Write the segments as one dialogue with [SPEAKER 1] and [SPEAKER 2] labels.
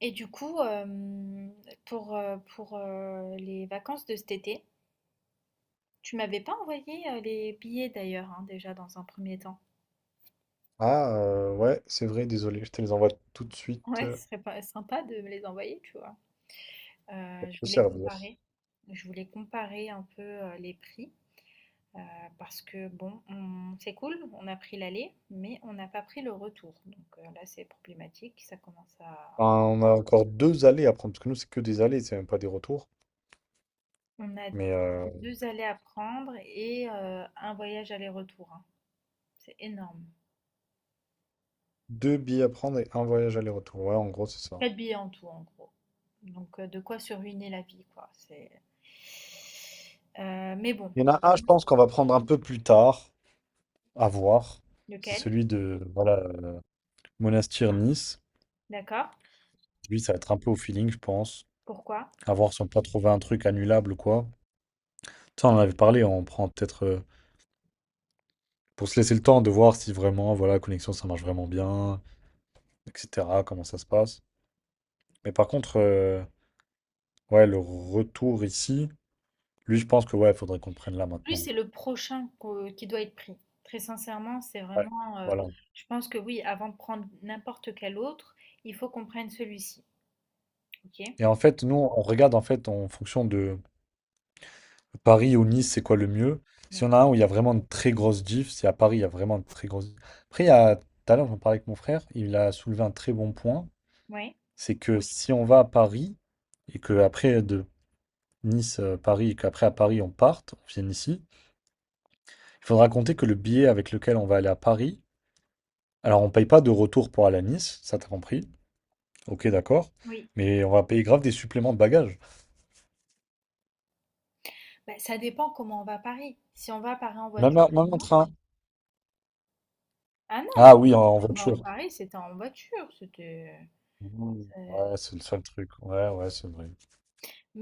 [SPEAKER 1] Et du coup, pour les vacances de cet été, tu m'avais pas envoyé les billets d'ailleurs, hein, déjà dans un premier temps.
[SPEAKER 2] Ah, ouais, c'est vrai, désolé, je te les envoie tout de suite
[SPEAKER 1] Ouais, ce serait pas sympa de me les envoyer, tu vois.
[SPEAKER 2] pour
[SPEAKER 1] Je
[SPEAKER 2] te
[SPEAKER 1] voulais
[SPEAKER 2] servir.
[SPEAKER 1] comparer. Je voulais comparer un peu les prix, euh, parce que bon, c'est cool, on a pris l'aller, mais on n'a pas pris le retour. Donc là, c'est problématique. Ça commence à.
[SPEAKER 2] Enfin, on a encore deux allées à prendre, parce que nous, c'est que des allées, c'est même pas des retours.
[SPEAKER 1] On a
[SPEAKER 2] Mais
[SPEAKER 1] deux allers à prendre et un voyage aller-retour, hein. C'est énorme.
[SPEAKER 2] deux billets à prendre et un voyage aller-retour. Ouais, en gros, c'est ça.
[SPEAKER 1] Quatre billets en tout, en gros. Donc, de quoi se ruiner la vie, quoi. C'est… mais bon,
[SPEAKER 2] Il y en a un, je pense qu'on va prendre un peu plus tard, à voir. C'est
[SPEAKER 1] lequel?
[SPEAKER 2] celui de, voilà, Monastir-Nice.
[SPEAKER 1] D'accord?
[SPEAKER 2] Lui, ça va être un peu au feeling, je pense.
[SPEAKER 1] Pourquoi?
[SPEAKER 2] À voir si on peut pas trouver un truc annulable ou quoi. Ça, on en avait parlé, on prend peut-être pour se laisser le temps de voir si vraiment, voilà, la connexion, ça marche vraiment bien, etc., comment ça se passe. Mais par contre, ouais, le retour ici, lui, je pense que ouais, il faudrait qu'on le prenne là
[SPEAKER 1] Lui,
[SPEAKER 2] maintenant.
[SPEAKER 1] c'est le prochain qui doit être pris. Très sincèrement, c'est
[SPEAKER 2] Ouais,
[SPEAKER 1] vraiment.
[SPEAKER 2] voilà.
[SPEAKER 1] Je pense que oui, avant de prendre n'importe quel autre, il faut qu'on prenne celui-ci. Ok?
[SPEAKER 2] Et en fait, nous, on regarde en fait en fonction de Paris ou Nice, c'est quoi le mieux. Si
[SPEAKER 1] D'accord.
[SPEAKER 2] on a un où il y a vraiment une très grosse diff, c'est à Paris, il y a vraiment une très grosse diff. Après, il y a, tout à l'heure, j'en parlais avec mon frère, il a soulevé un très bon point,
[SPEAKER 1] Oui?
[SPEAKER 2] c'est que si on va à Paris et que après de Nice, Paris, et qu'après à Paris on parte, on vienne ici, il faudra compter que le billet avec lequel on va aller à Paris, alors on paye pas de retour pour aller à Nice, ça t'as compris. Ok, d'accord.
[SPEAKER 1] Oui.
[SPEAKER 2] Mais on va payer grave des suppléments de bagages.
[SPEAKER 1] Bah, ça dépend comment on va à Paris. Si on va à Paris en
[SPEAKER 2] Même,
[SPEAKER 1] voiture,
[SPEAKER 2] même en
[SPEAKER 1] non.
[SPEAKER 2] train.
[SPEAKER 1] Ah non, mais
[SPEAKER 2] Ah oui, en
[SPEAKER 1] si on va à
[SPEAKER 2] voiture.
[SPEAKER 1] Paris, c'était en voiture. C'était.
[SPEAKER 2] Mmh.
[SPEAKER 1] euh,
[SPEAKER 2] Ouais, c'est le seul truc. Ouais, ouais, c'est vrai.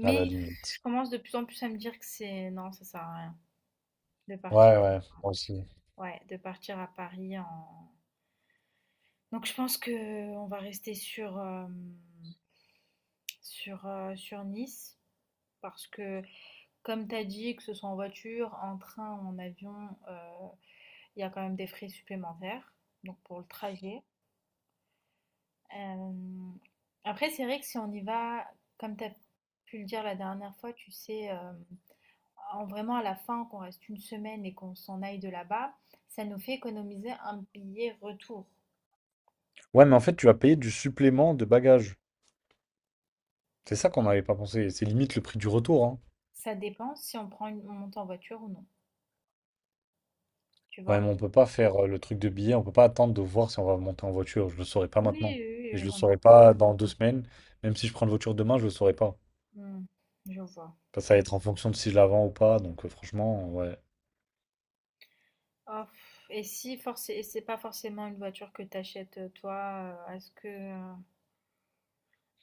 [SPEAKER 2] À la
[SPEAKER 1] je
[SPEAKER 2] limite.
[SPEAKER 1] commence de plus en plus à me dire que c'est non, ça sert à rien de partir,
[SPEAKER 2] Ouais, ouais, moi aussi.
[SPEAKER 1] ouais, de partir à Paris en, donc je pense que on va rester sur, sur Nice, parce que comme tu as dit, que ce soit en voiture, en train, en avion, il y a quand même des frais supplémentaires, donc pour le trajet. Hem, Après, c'est vrai que si on y va, comme tu as pu le dire la dernière fois, tu sais, hem en vraiment à la fin, qu'on reste une semaine et qu'on s'en aille de là-bas, ça nous fait économiser un billet retour.
[SPEAKER 2] Ouais, mais en fait, tu vas payer du supplément de bagages. C'est ça qu'on n'avait pas pensé. C'est limite le prix du retour, hein.
[SPEAKER 1] Ça dépend si on prend une, on monte en voiture ou non, tu
[SPEAKER 2] Ouais,
[SPEAKER 1] vois?
[SPEAKER 2] mais on peut pas faire le truc de billet. On peut pas attendre de voir si on va monter en voiture. Je le saurai pas
[SPEAKER 1] Oui,
[SPEAKER 2] maintenant.
[SPEAKER 1] oui,
[SPEAKER 2] Et je
[SPEAKER 1] oui,
[SPEAKER 2] le
[SPEAKER 1] non,
[SPEAKER 2] saurai
[SPEAKER 1] mais-
[SPEAKER 2] pas dans 2 semaines. Même si je prends une voiture demain, je le saurai pas.
[SPEAKER 1] Hmm, je vois.
[SPEAKER 2] Parce que ça va être en fonction de si je la vends ou pas. Donc, franchement, ouais.
[SPEAKER 1] Oh, et si forcé, et c'est pas forcément une voiture que t'achètes, toi,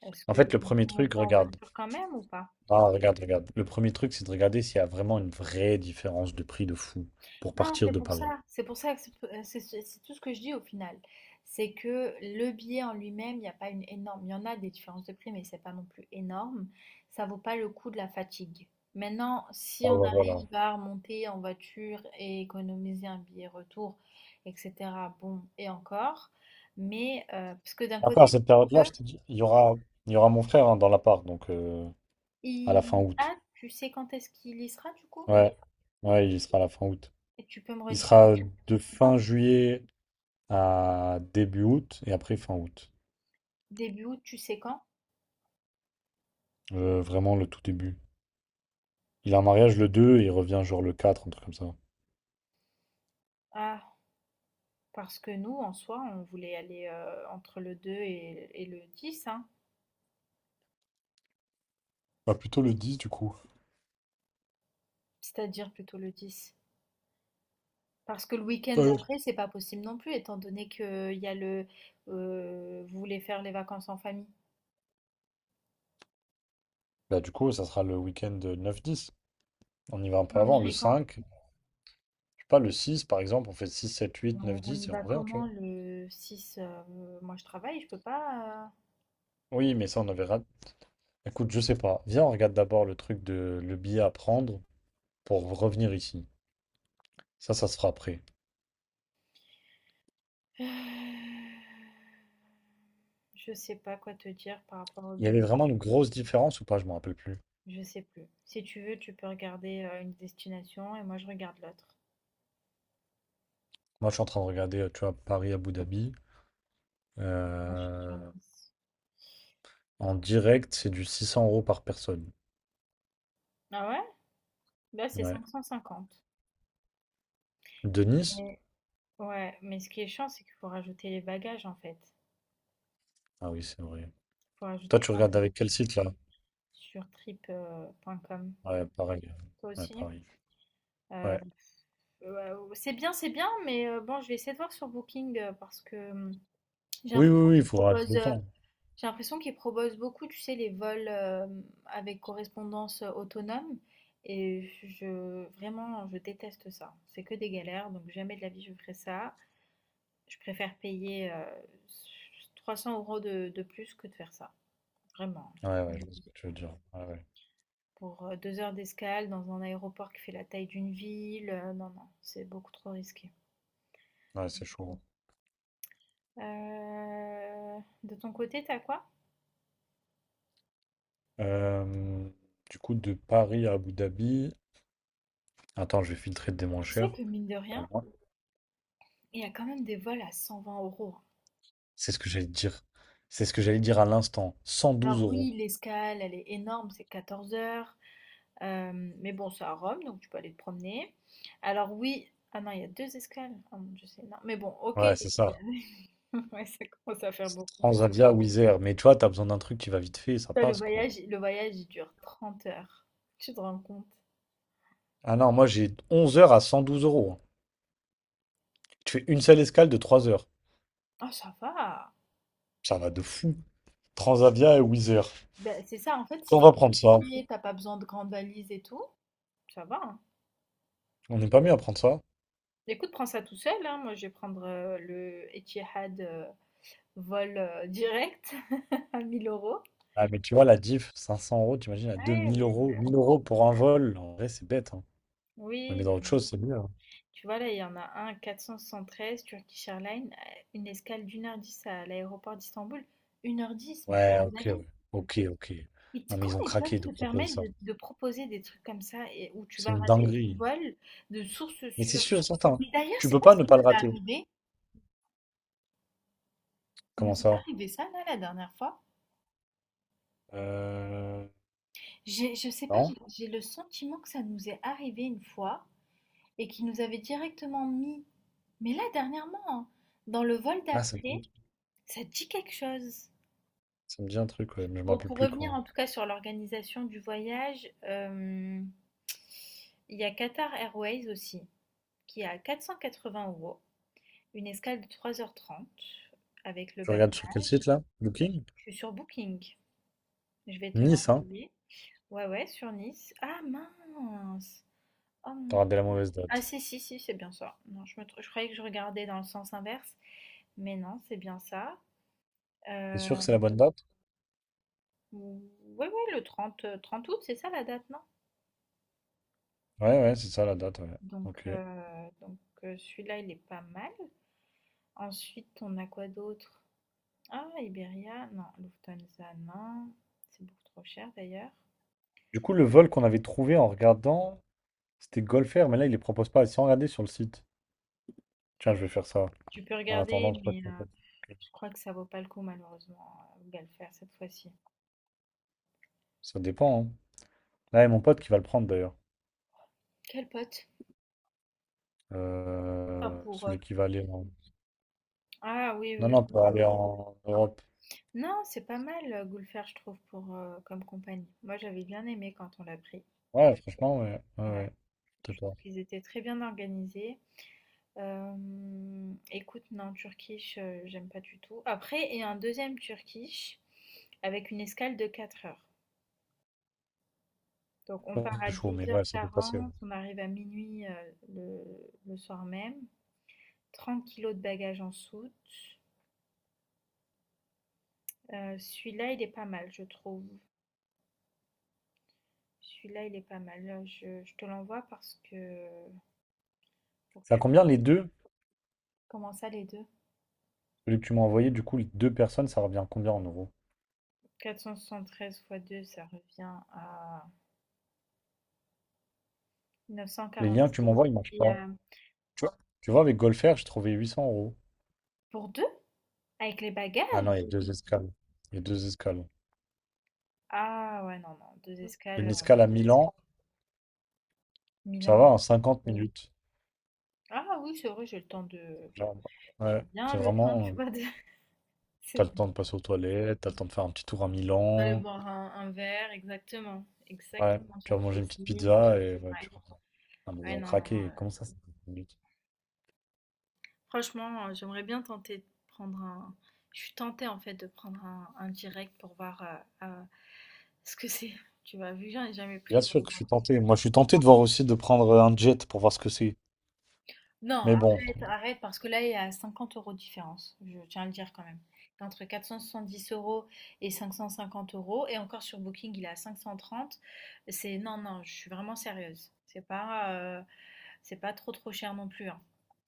[SPEAKER 1] est-ce
[SPEAKER 2] En
[SPEAKER 1] que
[SPEAKER 2] fait, le
[SPEAKER 1] on peut
[SPEAKER 2] premier
[SPEAKER 1] monter
[SPEAKER 2] truc,
[SPEAKER 1] en
[SPEAKER 2] regarde.
[SPEAKER 1] voiture quand même ou pas?
[SPEAKER 2] Ah, regarde, regarde. Le premier truc, c'est de regarder s'il y a vraiment une vraie différence de prix de fou pour
[SPEAKER 1] Non,
[SPEAKER 2] partir de Paris.
[SPEAKER 1] c'est pour ça que c'est, c'est tout ce que je dis au final. C'est que le billet en lui-même, il n'y a pas une énorme. Il y en a des différences de prix, mais c'est pas non plus énorme. Ça vaut pas le coup de la fatigue. Maintenant,
[SPEAKER 2] Ah,
[SPEAKER 1] si on
[SPEAKER 2] bah, voilà.
[SPEAKER 1] arrive à remonter en voiture et économiser un billet retour, etc., bon, et encore. Mais, parce que d'un
[SPEAKER 2] Après,
[SPEAKER 1] côté,
[SPEAKER 2] à
[SPEAKER 1] je
[SPEAKER 2] cette
[SPEAKER 1] pense
[SPEAKER 2] période-là, je
[SPEAKER 1] que
[SPEAKER 2] te dis, il y aura mon frère hein, dans l'appart, donc à la
[SPEAKER 1] il…
[SPEAKER 2] fin août.
[SPEAKER 1] Ah, tu sais quand est-ce qu'il y sera du coup?
[SPEAKER 2] Ouais, ouais, il sera à la fin août.
[SPEAKER 1] Et tu peux me
[SPEAKER 2] Il
[SPEAKER 1] redire,
[SPEAKER 2] sera de fin juillet à début août et après fin août.
[SPEAKER 1] début août, tu sais quand?
[SPEAKER 2] Vraiment le tout début. Il a un mariage le 2 et il revient genre le 4 un truc comme ça.
[SPEAKER 1] Ah, parce que nous, en soi, on voulait aller, entre le 2 et le 10, hein.
[SPEAKER 2] Bah plutôt le 10 du coup.
[SPEAKER 1] C'est-à-dire plutôt le 10. Parce que le week-end
[SPEAKER 2] Euh,
[SPEAKER 1] d'après, c'est pas possible non plus, étant donné que il y a le, vous voulez faire les vacances en famille?
[SPEAKER 2] Bah, du coup, ça sera le week-end 9-10. On y va un peu
[SPEAKER 1] Mais on
[SPEAKER 2] avant, le
[SPEAKER 1] irait quand?
[SPEAKER 2] cinq Je sais pas, le 6 par exemple, on fait 6 7 8 9
[SPEAKER 1] On y
[SPEAKER 2] 10 et on
[SPEAKER 1] va
[SPEAKER 2] revient, tu vois.
[SPEAKER 1] comment le 6? Moi je travaille, je peux pas,
[SPEAKER 2] Oui, mais ça, on avait. Écoute, je sais pas. Viens, on regarde d'abord le truc de le billet à prendre pour revenir ici. Ça se fera après.
[SPEAKER 1] heu je sais pas quoi te dire par rapport au
[SPEAKER 2] Il y avait
[SPEAKER 1] billet.
[SPEAKER 2] vraiment une grosse différence ou pas? Je me rappelle plus.
[SPEAKER 1] Je sais plus. Si tu veux, tu peux regarder une destination et moi je regarde l'autre.
[SPEAKER 2] Moi, je suis en train de regarder, tu vois, Paris-Abu Dhabi.
[SPEAKER 1] Moi je suis sur
[SPEAKER 2] Euh,
[SPEAKER 1] Nice.
[SPEAKER 2] En direct, c'est du 600 € par personne.
[SPEAKER 1] Ah ouais? Là, c'est
[SPEAKER 2] Ouais.
[SPEAKER 1] 550.
[SPEAKER 2] De Nice?
[SPEAKER 1] Mais ouais, mais ce qui est chiant, c'est qu'il faut rajouter les bagages en fait.
[SPEAKER 2] Ah oui, c'est vrai.
[SPEAKER 1] Il faut
[SPEAKER 2] Toi,
[SPEAKER 1] rajouter
[SPEAKER 2] tu
[SPEAKER 1] un
[SPEAKER 2] regardes
[SPEAKER 1] bagage
[SPEAKER 2] avec quel site, là?
[SPEAKER 1] sur trip.com.
[SPEAKER 2] Ouais, pareil.
[SPEAKER 1] Toi
[SPEAKER 2] Ouais,
[SPEAKER 1] aussi?
[SPEAKER 2] pareil.
[SPEAKER 1] Euh,
[SPEAKER 2] Ouais.
[SPEAKER 1] ouais, ouais, c'est bien, mais bon, je vais essayer de voir sur Booking, parce que j'ai
[SPEAKER 2] Oui,
[SPEAKER 1] l'impression
[SPEAKER 2] oui, oui, il
[SPEAKER 1] qu'ils
[SPEAKER 2] faudra tout
[SPEAKER 1] proposent,
[SPEAKER 2] le temps.
[SPEAKER 1] j'ai l'impression qu'ils proposent beaucoup, tu sais, les vols avec correspondance, autonome. Et je, vraiment, je déteste ça. C'est que des galères, donc jamais de la vie je ferai ça. Je préfère payer s 300 € de plus que de faire ça, vraiment.
[SPEAKER 2] Ouais, ouais, je vois ce que tu veux dire. Ouais, ouais.
[SPEAKER 1] Pour 2 heures d'escale dans un aéroport qui fait la taille d'une ville, non, non, c'est beaucoup trop risqué.
[SPEAKER 2] Ouais, c'est chaud.
[SPEAKER 1] De ton côté, t'as quoi?
[SPEAKER 2] Euh, du coup, de Paris à Abu Dhabi. Attends, je vais filtrer des moins
[SPEAKER 1] Tu sais
[SPEAKER 2] chers.
[SPEAKER 1] que mine de
[SPEAKER 2] Pas
[SPEAKER 1] rien,
[SPEAKER 2] loin.
[SPEAKER 1] il y a quand même des vols à 120 euros.
[SPEAKER 2] C'est ce que j'allais te dire. C'est ce que j'allais dire à l'instant. 112
[SPEAKER 1] Alors
[SPEAKER 2] euros.
[SPEAKER 1] oui, l'escale, elle est énorme, c'est 14 heures. Euh, mais bon, c'est à Rome, donc tu peux aller te promener. Alors oui, ah non, il y a deux escales. Ah mon Dieu, c'est énorme. Mais bon, ok.
[SPEAKER 2] Ouais, c'est ça.
[SPEAKER 1] Ouais, ça commence à faire beaucoup.
[SPEAKER 2] Transavia ou Wizz Air. Mais tu vois, t'as besoin d'un truc qui va vite fait, ça
[SPEAKER 1] Toi,
[SPEAKER 2] passe, quoi.
[SPEAKER 1] le voyage, il dure 30 heures. Tu te rends compte?
[SPEAKER 2] Ah non, moi j'ai 11 heures à 112 euros, hein. Tu fais une seule escale de 3 heures.
[SPEAKER 1] Ah, ça va.
[SPEAKER 2] Ça va de fou. Transavia et Wizz Air.
[SPEAKER 1] Ben, c'est ça, en fait,
[SPEAKER 2] On
[SPEAKER 1] si
[SPEAKER 2] va prendre ça.
[SPEAKER 1] tu t'as pas besoin de grande valise et tout, ça va, hein.
[SPEAKER 2] On n'est pas mieux à prendre ça.
[SPEAKER 1] Écoute, prends ça tout seul, hein. Moi, je vais prendre le Etihad, vol direct, à 1000 euros.
[SPEAKER 2] Ah, mais tu vois, la diff, 500 euros, t'imagines, à
[SPEAKER 1] Ouais,
[SPEAKER 2] 2000
[SPEAKER 1] oui, bah
[SPEAKER 2] euros. 1000 euros pour un vol, en vrai, c'est bête, hein. On les met
[SPEAKER 1] oui.
[SPEAKER 2] dans autre chose, c'est mieux, hein.
[SPEAKER 1] Tu vois, là, il y en a un, 473, Turkish Airlines, une escale d'1 h 10 à l'aéroport d'Istanbul. 1 h 10, mais j'ai
[SPEAKER 2] Ouais,
[SPEAKER 1] des
[SPEAKER 2] ok,
[SPEAKER 1] avis.
[SPEAKER 2] ouais. Ok, ok.
[SPEAKER 1] Et
[SPEAKER 2] Non, mais ils
[SPEAKER 1] comment
[SPEAKER 2] ont
[SPEAKER 1] ils peuvent
[SPEAKER 2] craqué de
[SPEAKER 1] se
[SPEAKER 2] proposer
[SPEAKER 1] permettre
[SPEAKER 2] ça.
[SPEAKER 1] de, proposer des trucs comme ça et où tu
[SPEAKER 2] C'est
[SPEAKER 1] vas
[SPEAKER 2] une
[SPEAKER 1] rater ton
[SPEAKER 2] dinguerie.
[SPEAKER 1] vol de source
[SPEAKER 2] Mais c'est
[SPEAKER 1] sûre?
[SPEAKER 2] sûr et certain.
[SPEAKER 1] Mais d'ailleurs,
[SPEAKER 2] Tu
[SPEAKER 1] c'est
[SPEAKER 2] peux
[SPEAKER 1] pas
[SPEAKER 2] pas ne
[SPEAKER 1] ce qui
[SPEAKER 2] pas
[SPEAKER 1] nous
[SPEAKER 2] le
[SPEAKER 1] est
[SPEAKER 2] rater.
[SPEAKER 1] arrivé. Il
[SPEAKER 2] Comment
[SPEAKER 1] nous est pas
[SPEAKER 2] ça?
[SPEAKER 1] arrivé ça, là, la dernière fois.
[SPEAKER 2] Euh...
[SPEAKER 1] J'ai, je sais pas, j'ai
[SPEAKER 2] Non?
[SPEAKER 1] j'ai le sentiment que ça nous est arrivé une fois et qu'ils nous avaient directement mis. Mais là, dernièrement, hein, dans le vol
[SPEAKER 2] Ah, ça me,
[SPEAKER 1] d'après, ça te dit quelque chose.
[SPEAKER 2] ça me dit un truc, ouais, mais je me
[SPEAKER 1] Bon,
[SPEAKER 2] rappelle
[SPEAKER 1] pour
[SPEAKER 2] plus
[SPEAKER 1] revenir
[SPEAKER 2] quand.
[SPEAKER 1] en tout cas sur l'organisation du voyage, il y a Qatar Airways aussi, qui est à 480 euros, une escale de 3 h 30 avec le
[SPEAKER 2] Tu
[SPEAKER 1] bac.
[SPEAKER 2] regardes sur quel site, là? Booking?
[SPEAKER 1] Je suis sur Booking, je vais te
[SPEAKER 2] Nice, hein?
[SPEAKER 1] l'envoyer. Ouais, ouais, sur Nice. Ah mince! Oh
[SPEAKER 2] T'as
[SPEAKER 1] mon-
[SPEAKER 2] regardé la mauvaise
[SPEAKER 1] Ah
[SPEAKER 2] date.
[SPEAKER 1] si, si, si, c'est bien ça. Non, je croyais que je regardais dans le sens inverse, mais non, c'est bien ça.
[SPEAKER 2] T'es
[SPEAKER 1] Euh,
[SPEAKER 2] sûr que c'est la bonne date?
[SPEAKER 1] ouais, ouais, le 30, 30 août, c'est ça la date, non?
[SPEAKER 2] Ouais, ouais, c'est ça la date, ouais.
[SPEAKER 1] Donc,
[SPEAKER 2] Ok.
[SPEAKER 1] heu, donc, heu, celui-là, il est pas mal. Ensuite, on a quoi d'autre? Ah, Iberia, non, Lufthansa, non, c'est beaucoup trop cher d'ailleurs.
[SPEAKER 2] Du coup, le vol qu'on avait trouvé en regardant. C'était Golfer, mais là, il les propose pas. Sans regarder sur le site. Tiens, je vais faire ça.
[SPEAKER 1] Tu peux
[SPEAKER 2] En attendant, je
[SPEAKER 1] regarder,
[SPEAKER 2] sais pas de
[SPEAKER 1] mais
[SPEAKER 2] mon pote.
[SPEAKER 1] je crois que ça vaut pas le coup malheureusement, Galfer cette fois-ci.
[SPEAKER 2] Ça dépend, hein. Là, il y a mon pote qui va le prendre d'ailleurs.
[SPEAKER 1] Quel pote? Enfin pour
[SPEAKER 2] Celui qui va aller en.
[SPEAKER 1] ah oui, oui,
[SPEAKER 2] Non,
[SPEAKER 1] oui,
[SPEAKER 2] non,
[SPEAKER 1] je
[SPEAKER 2] pour
[SPEAKER 1] vois.
[SPEAKER 2] aller en Europe.
[SPEAKER 1] Non, c'est pas mal, Gulfer, je trouve, pour, comme compagnie. Moi, j'avais bien aimé quand on l'a pris.
[SPEAKER 2] Ouais, franchement, ouais. Ouais,
[SPEAKER 1] Ouais,
[SPEAKER 2] ouais.
[SPEAKER 1] je
[SPEAKER 2] Peut-être
[SPEAKER 1] trouve
[SPEAKER 2] pas.
[SPEAKER 1] qu'ils étaient très bien organisés. Écoute, non, Turkish, j'aime pas du tout. Après, il y a un deuxième Turkish avec une escale de 4 heures. Donc, on part à
[SPEAKER 2] C'est chaud,
[SPEAKER 1] dix
[SPEAKER 2] mais
[SPEAKER 1] heures
[SPEAKER 2] ouais, ça peut passer.
[SPEAKER 1] quarante, on arrive à minuit, le, soir même. 30 kilos de bagages en soute. Celui-là, il est pas mal, je trouve. Celui-là, il est pas mal. Là, je te l'envoie parce que… Pour que
[SPEAKER 2] C'est à
[SPEAKER 1] tu…
[SPEAKER 2] combien les deux?
[SPEAKER 1] Comment ça, les deux?
[SPEAKER 2] Celui que tu m'as envoyé, du coup, les deux personnes, ça revient à combien en euros?
[SPEAKER 1] 473 fois 2, ça revient à neuf cent
[SPEAKER 2] Les liens que tu
[SPEAKER 1] quarante-six.
[SPEAKER 2] m'envoies,
[SPEAKER 1] Et
[SPEAKER 2] ils marchent
[SPEAKER 1] puis,
[SPEAKER 2] pas. Tu vois? Tu vois, avec Golfer, j'ai trouvé 800 euros.
[SPEAKER 1] pour deux, avec les bagages.
[SPEAKER 2] Ah non, il y a deux escales. Il y a deux escales.
[SPEAKER 1] Ah ouais, non, non, 2 escales,
[SPEAKER 2] Une escale à Milan, ça va en
[SPEAKER 1] Milan.
[SPEAKER 2] 50 minutes.
[SPEAKER 1] Ah oui, c'est vrai,
[SPEAKER 2] Genre,
[SPEAKER 1] j'ai
[SPEAKER 2] ouais, c'est
[SPEAKER 1] bien le temps,
[SPEAKER 2] vraiment,
[SPEAKER 1] tu vois, de c'est
[SPEAKER 2] t'as le temps de
[SPEAKER 1] bon,
[SPEAKER 2] passer aux toilettes, t'as le temps de faire un petit tour à
[SPEAKER 1] d'aller
[SPEAKER 2] Milan,
[SPEAKER 1] boire un verre, exactement,
[SPEAKER 2] ouais,
[SPEAKER 1] exactement,
[SPEAKER 2] tu
[SPEAKER 1] faire
[SPEAKER 2] vas
[SPEAKER 1] du
[SPEAKER 2] manger une petite
[SPEAKER 1] shopping.
[SPEAKER 2] pizza et ouais,
[SPEAKER 1] Ouais,
[SPEAKER 2] tu vois. Ah, mais ils
[SPEAKER 1] ouais,
[SPEAKER 2] ont
[SPEAKER 1] non, non,
[SPEAKER 2] craqué, comment ça, c'est 10 minutes.
[SPEAKER 1] franchement, j'aimerais bien tenter de prendre un je suis tentée, en fait, de prendre un direct pour voir, heu heu, ce que c'est, tu vois? Vu que j'en ai jamais
[SPEAKER 2] Bien
[SPEAKER 1] pris.
[SPEAKER 2] sûr que je suis tenté, moi je suis tenté de voir aussi de prendre un jet pour voir ce que c'est.
[SPEAKER 1] Non,
[SPEAKER 2] Mais bon,
[SPEAKER 1] arrête, arrête, parce que là, il y a 50 € de différence, je tiens à le dire quand même. Entre 470 € et 550 euros, et encore sur Booking, il est à 530. C'est non, non, je suis vraiment sérieuse. C'est pas trop trop cher non plus, hein.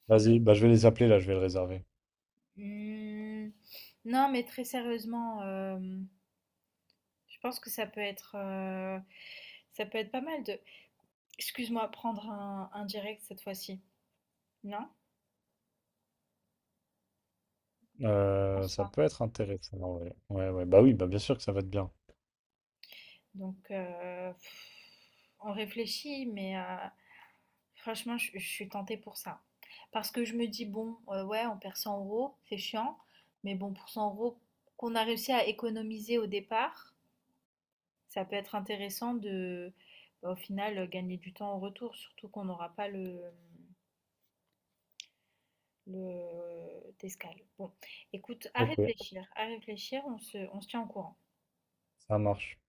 [SPEAKER 2] vas-y, bah je vais les appeler là, je vais le réserver.
[SPEAKER 1] Hmm, non, mais très sérieusement, je pense que ça peut être, pas mal de. Excuse-moi, prendre un direct cette fois-ci. Non? Je pense
[SPEAKER 2] Ça
[SPEAKER 1] pas.
[SPEAKER 2] peut être intéressant, ouais. Ouais, ouais, bah oui, bah bien sûr que ça va être bien.
[SPEAKER 1] Donc, on réfléchit, mais. Franchement, je suis tentée pour ça. Parce que je me dis, bon, ouais, on perd 100 euros, c'est chiant, mais bon, pour 100 € qu'on a réussi à économiser au départ, ça peut être intéressant de, bah, au final, gagner du temps en retour, surtout qu'on n'aura pas le, d'escale. Bon, écoute,
[SPEAKER 2] Ok,
[SPEAKER 1] à réfléchir, on se tient au courant.
[SPEAKER 2] ça marche.